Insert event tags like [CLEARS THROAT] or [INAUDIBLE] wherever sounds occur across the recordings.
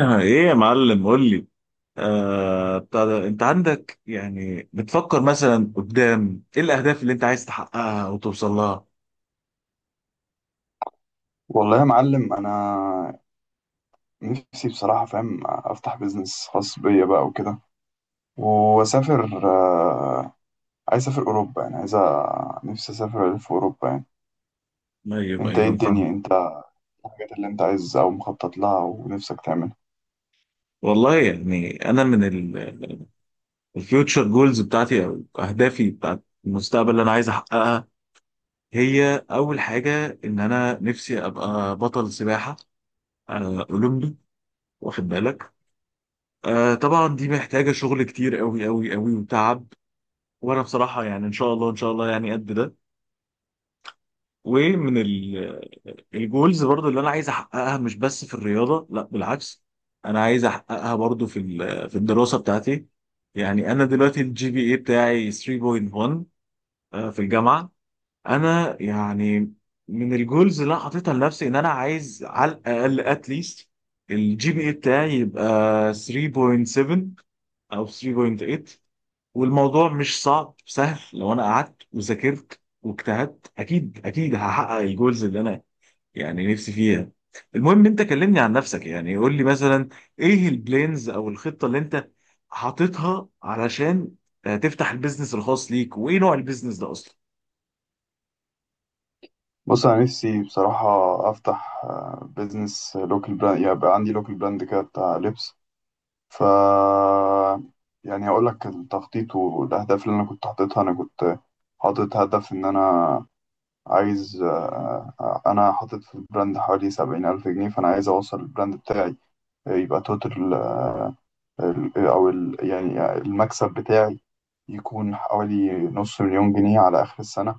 آه، ايه يا معلم، قول لي. بتاع ده، انت عندك يعني بتفكر مثلا قدام، ايه الاهداف اللي انت عايز تحققها وتوصل لها؟ والله يا معلم، انا نفسي بصراحه فاهم افتح بيزنس خاص بيا بقى وكده واسافر، عايز اسافر اوروبا، يعني عايز نفسي اسافر الف اوروبا يعني. ايوه انت ايه ايوه، فاهم. الدنيا انت الحاجات اللي انت عايز او مخطط لها ونفسك تعملها. والله، يعني انا من الفيوتشر جولز بتاعتي او اهدافي بتاعت المستقبل اللي انا عايز احققها، هي اول حاجه ان انا نفسي ابقى بطل سباحه اولمبي، واخد بالك؟ طبعا، دي محتاجه شغل كتير قوي قوي قوي وتعب. وانا بصراحه يعني ان شاء الله ان شاء الله، يعني قد ده. ومن ال- الجولز برضو اللي انا عايز احققها، مش بس في الرياضه، لا بالعكس. انا عايز احققها برضو في الدراسه بتاعتي. يعني انا دلوقتي الجي بي اي بتاعي 3.1. في الجامعه. انا يعني من الجولز اللي انا حاططها لنفسي، ان انا عايز على الاقل اتليست الجي بي اي بتاعي يبقى 3.7 او 3.8. والموضوع مش صعب، سهل لو انا قعدت وذاكرت واجتهدت، اكيد اكيد هحقق الجولز اللي انا يعني نفسي فيها. المهم، انت كلمني عن نفسك، يعني قول لي مثلا، ايه البلانز او الخطة اللي انت حاططها علشان تفتح البيزنس الخاص ليك، وايه نوع البيزنس ده اصلا؟ بص، انا نفسي بصراحه افتح بيزنس لوكال براند، يبقى عندي لوكال براند كده بتاع لبس. ف يعني هقول لك التخطيط والاهداف اللي انا كنت حاططها. انا كنت حاطط هدف ان انا عايز، أنا حاطط في البراند حوالي 70,000 جنيه، فأنا عايز أوصل البراند بتاعي، يبقى توتال، آه، ال- آه، أو ال يعني آه، المكسب بتاعي يكون حوالي نص مليون جنيه على آخر السنة.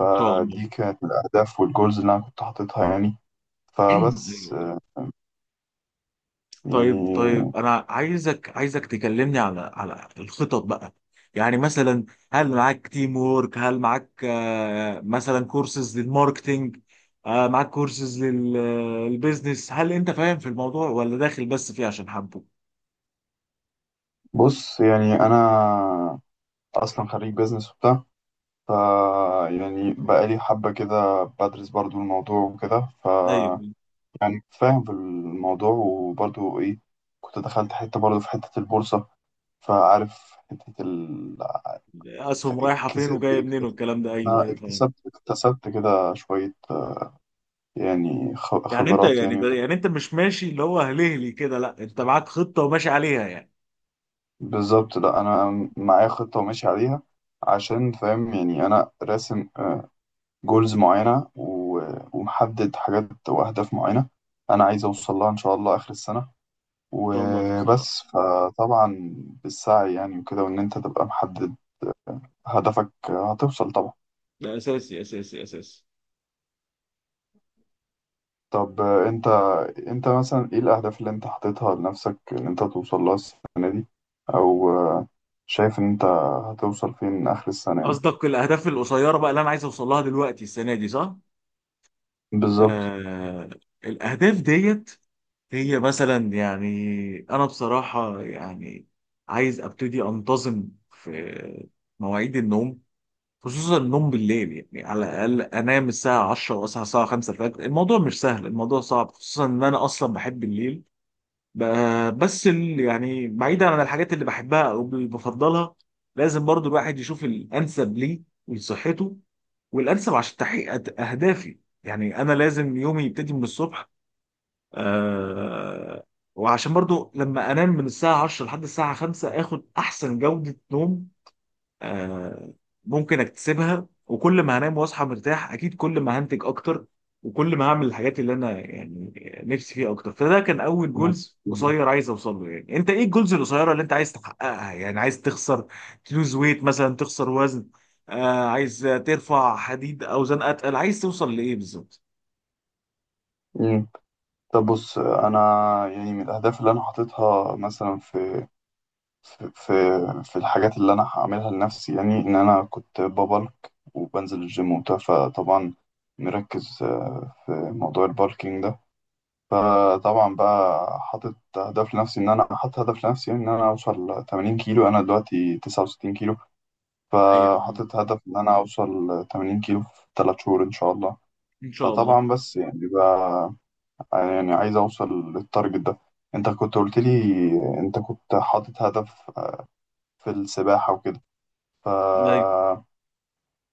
ان شاء الله. كانت الأهداف والجولز اللي أنا كنت حاططها يعني. [CLEARS THROAT] فبس أيوة. آه، طيب يعني طيب، انا عايزك تكلمني على الخطط بقى. يعني مثلا، هل معاك تيم وورك؟ هل معاك مثلا كورسز للماركتينج؟ معاك كورسز للبيزنس؟ هل انت فاهم في الموضوع ولا داخل بس فيه عشان حبه؟ بص، يعني أنا أصلا خريج بيزنس وبتاع. ف يعني بقالي حبة كده بدرس برضو الموضوع وكده. ايوه، يعني فاهم في الموضوع، وبرضو ايه، كنت دخلت حتة برضو في حتة البورصة، فعارف حتة اسهم رايحه فين كسبت وجايه منين والكلام ده، ايوه أنا ايوه فاهم. اكتسبت كده شوية، يعني يعني انت، خبرات يعني يعني، وكده. يعني انت مش ماشي اللي هو هلهلي كده، لا انت معاك خطه وماشي عليها يعني. بالظبط، لا أنا معايا خطة وماشي عليها، عشان فاهم، يعني أنا راسم جولز معينة ومحدد حاجات وأهداف معينة أنا عايز أوصل لها إن شاء الله آخر السنة ان شاء الله توصل لها. وبس. فطبعا بالسعي يعني وكده، وإن أنت تبقى محدد هدفك هتوصل طبعا. ده اساسي اساسي اساسي. طب انت مثلا ايه الاهداف اللي انت حاططها لنفسك ان انت توصل لها السنه دي، او شايف ان انت هتوصل فين اخر السنه يعني؟ قصدك الاهداف القصيره بقى، اللي انا عايز اوصل لها دلوقتي السنه دي، صح؟ بالظبط. آه. الاهداف ديت هي مثلا يعني، انا بصراحه يعني عايز ابتدي انتظم في مواعيد النوم. خصوصا النوم بالليل، يعني على الاقل انام الساعه 10 واصحى الساعه 5 الفجر. الموضوع مش سهل، الموضوع صعب خصوصا ان انا اصلا بحب الليل. بس يعني بعيدا عن الحاجات اللي بحبها او اللي بفضلها، لازم برضو الواحد يشوف الانسب ليه ولصحته. والانسب عشان تحقيق اهدافي، يعني انا لازم يومي يبتدي من الصبح. آه وعشان برضو لما انام من الساعه 10 لحد الساعه 5 اخد احسن جوده نوم آه، ممكن اكتسبها، وكل ما هنام واصحى مرتاح اكيد كل ما هنتج اكتر، وكل ما هعمل الحاجات اللي انا يعني نفسي فيها اكتر. فده كان اول مم. جولز قصير عايز اوصل له. يعني انت، ايه الجولز القصيره اللي انت عايز تحققها؟ يعني عايز تخسر تلوز ويت مثلا، تخسر وزن؟ عايز ترفع حديد اوزان اتقل؟ عايز توصل لايه بالظبط؟ مم. طب بص، انا يعني من الاهداف اللي انا حاططها مثلا في في في الحاجات اللي انا هعملها لنفسي، يعني ان انا كنت ببلك وبنزل الجيم وبتاع، فطبعا مركز في موضوع البالكينج ده. فطبعا بقى حاطط هدف لنفسي ان انا اوصل 80 كيلو، انا دلوقتي 69 كيلو، ايوه، فحاطط هدف ان انا اوصل 80 كيلو في 3 شهور ان شاء الله. ان شاء الله. فطبعا بس يعني بقى، يعني عايز اوصل للتارجت ده. انت كنت قلت لي انت كنت حاطط هدف في السباحة وكده ف... أيوة.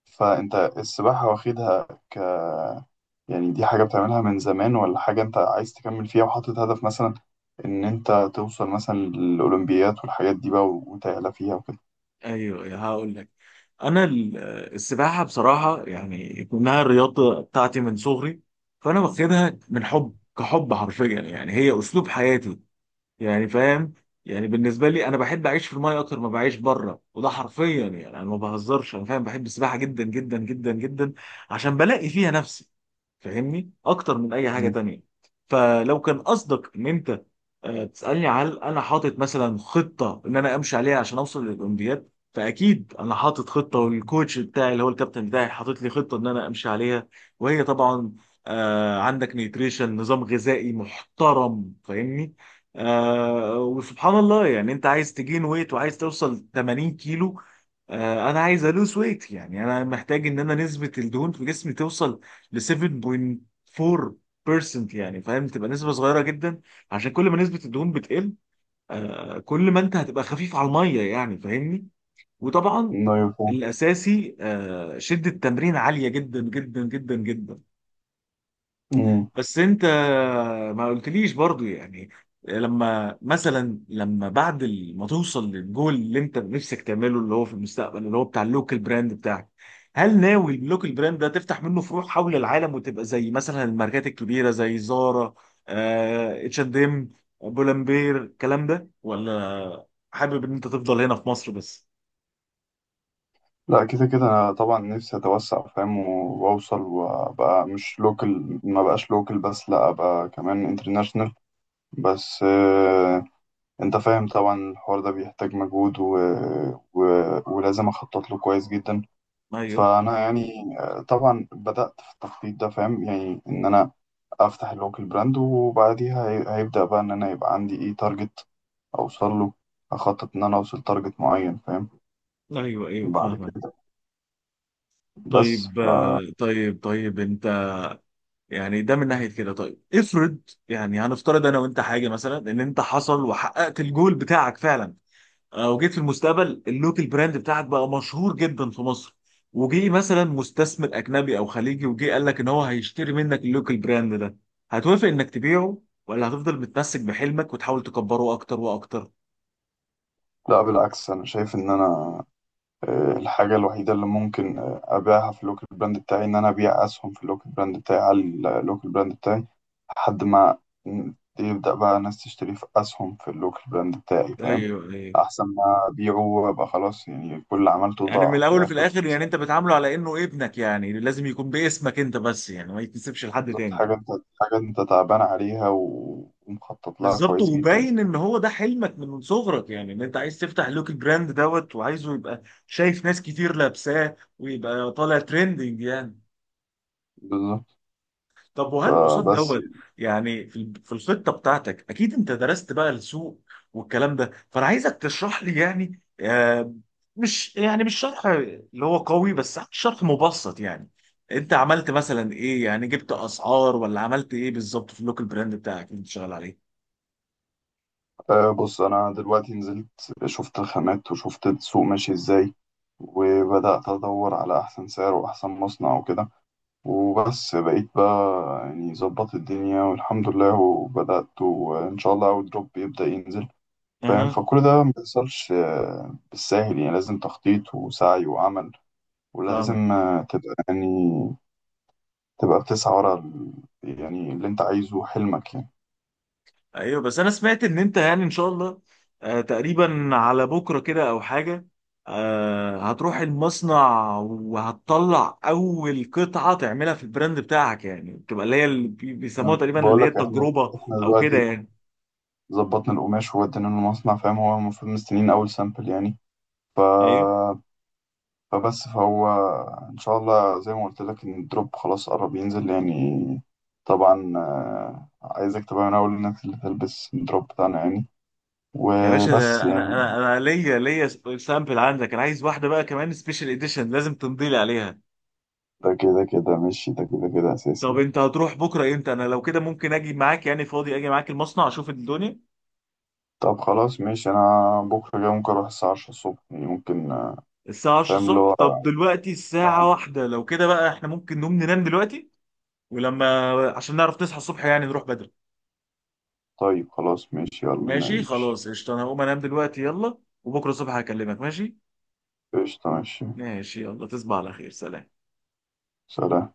فانت السباحة واخدها يعني دي حاجة بتعملها من زمان، ولا حاجة أنت عايز تكمل فيها وحاطط هدف مثلا إن أنت توصل مثلا للأولمبيات والحاجات دي بقى وتعلى فيها وكده؟ ايوه أيوه، هقول لك. انا السباحه بصراحه، يعني كونها الرياضه بتاعتي من صغري، فانا واخدها من حب، كحب حرفيا، يعني هي اسلوب حياتي. يعني، فاهم؟ يعني بالنسبه لي انا بحب اعيش في المايه اكتر ما بعيش بره، وده حرفيا يعني انا ما بهزرش، انا فاهم، بحب السباحه جدا جدا جدا جدا. عشان بلاقي فيها نفسي، فاهمني اكتر من اي حاجه مم. تانية. فلو كان قصدك ان انت تسالني هل انا حاطط مثلا خطه ان انا امشي عليها عشان اوصل للاولمبياد، فاكيد انا حاطط خطه، والكوتش بتاعي اللي هو الكابتن بتاعي حاطط لي خطه ان انا امشي عليها. وهي طبعا، عندك نيتريشن، نظام غذائي محترم، فاهمني. وسبحان الله، يعني انت عايز تجين ويت وعايز توصل 80 كيلو، انا عايز الوز ويت، يعني انا محتاج ان انا نسبة الدهون في جسمي توصل ل 7.4%، يعني فاهم، تبقى نسبة صغيرة جدا. عشان كل ما نسبة الدهون بتقل، كل ما انت هتبقى خفيف على المية، يعني فاهمني. وطبعا أيوة فاهم. الاساسي شدة تمرين عالية جدا جدا جدا جدا. أمم. بس انت ما قلتليش برضو، يعني لما ما توصل للجول اللي انت نفسك تعمله، اللي هو في المستقبل، اللي هو بتاع اللوكال براند بتاعك، هل ناوي اللوكال براند ده تفتح منه فروع حول العالم وتبقى زي مثلا الماركات الكبيرة زي زارا، اتش اند ام، بولمبير، الكلام ده؟ ولا حابب ان انت تفضل هنا في مصر بس؟ لا، كده كده أنا طبعا نفسي أتوسع فاهم، وأوصل وأبقى مش لوكال، ما بقاش لوكال بس، لا أبقى كمان انترناشونال. بس أنت فاهم طبعا الحوار ده بيحتاج مجهود و... ولازم أخطط له كويس جدا. ايوه فأنا يعني، طبعا بدأت في التخطيط ده فاهم، يعني إن أنا افتح اللوكال براند، وبعديها هيبدأ بقى ان انا يبقى عندي ايه تارجت اوصل له، اخطط ان انا اوصل تارجت معين فاهم، ايوه ايوه، بعد فاهمك. كده. بس طيب، طيب طيب، انت يعني ده من ناحيه كده. طيب افرض، يعني هنفترض انا وانت حاجه، مثلا ان انت حصل وحققت الجول بتاعك فعلا، وجيت في المستقبل اللوكال براند بتاعك بقى مشهور جدا في مصر، وجي مثلا مستثمر اجنبي او خليجي، وجي قال لك ان هو هيشتري منك اللوكال براند ده، هتوافق انك تبيعه؟ ولا هتفضل متمسك بحلمك وتحاول تكبره اكتر واكتر؟ لا بالعكس، انا شايف ان انا، الحاجة الوحيدة اللي ممكن، ابيعها في اللوكال براند بتاعي ان انا ابيع اسهم في اللوكال براند بتاعي على اللوكال براند بتاعي لحد ما يبدأ بقى ناس تشتري في اسهم في اللوكال براند بتاعي ايوه فاهم، ايوه. احسن ما ابيعه وابقى خلاص يعني كل اللي عملته يعني من ضاع في الاول وفي الاخر. الاخر، يعني انت بتعامله على انه ابنك، يعني لازم يكون باسمك انت بس، يعني ما يتنسبش لحد بالظبط، تاني. حاجة انت تعبان عليها ومخطط لها بالظبط، كويس جدا. وباين ان هو ده حلمك من صغرك، يعني ان انت عايز تفتح لوك البراند دوت، وعايزه يبقى شايف ناس كتير لابساه ويبقى طالع ترندنج يعني. بالظبط. طب وهل قصاد فبس دوت يعني في الخطه بتاعتك اكيد انت درست بقى السوق والكلام ده، فانا عايزك تشرح لي، يعني مش شرح اللي هو قوي، بس شرح مبسط يعني. انت عملت مثلا ايه؟ يعني جبت اسعار ولا عملت ايه بالظبط في اللوك البراند بتاعك اللي انت شغال عليه؟ آه، بص، انا دلوقتي نزلت شفت الخامات وشفت السوق ماشي ازاي، وبدأت ادور على احسن سعر واحسن مصنع وكده. وبس بقيت بقى يعني ظبط الدنيا والحمد لله، وبدأت، وان شاء الله اول دروب يبدأ ينزل فاهم. اها، فكل ده ما بيحصلش بالساهل، يعني لازم تخطيط وسعي وعمل، فاهمك. ولازم تبقى يعني بتسعى ورا يعني اللي انت عايزه حلمك يعني. ايوه، بس انا سمعت ان انت يعني ان شاء الله تقريبا على بكره كده او حاجه، هتروح المصنع وهتطلع اول قطعه تعملها في البراند بتاعك، يعني بتبقى اللي هي اللي بيسموها انا تقريبا اللي بقول هي لك احنا، التجربه او كده دلوقتي يعني. ظبطنا القماش وودينا له المصنع، فاهم، هو المفروض مستنيين اول سامبل يعني. ف... ايوه فبس فهو ان شاء الله زي ما قلت لك ان الدروب خلاص قرب ينزل يعني. طبعا عايزك تبقى من اول الناس اللي تلبس الدروب بتاعنا يعني، يا باشا، وبس ده انا يعني. انا انا ليا سامبل عندك، انا عايز واحده بقى كمان سبيشال اديشن لازم تمضي لي عليها. ده كده كده ماشي، ده كده كده اساسي طب يعني. انت هتروح بكره امتى؟ انا لو كده ممكن اجي معاك، يعني فاضي اجي معاك المصنع اشوف الدنيا. طب خلاص ماشي، انا بكره جاي ممكن اروح الساعه 10 الصبح يعني، ممكن، الساعة 10 فاهم اللي الصبح؟ هو، طب دلوقتي الساعة آه، واحدة، لو كده بقى احنا ممكن نقوم ننام دلوقتي، ولما عشان نعرف نصحى الصبح يعني نروح بدري. طيب خلاص ماشي يلا ماشي نمشي. خلاص، قشطة، انا هقوم انام دلوقتي يلا، وبكرة الصبح هكلمك ماشي. قشطة ماشي. ماشي يلا، تصبح على خير، سلام. سلام.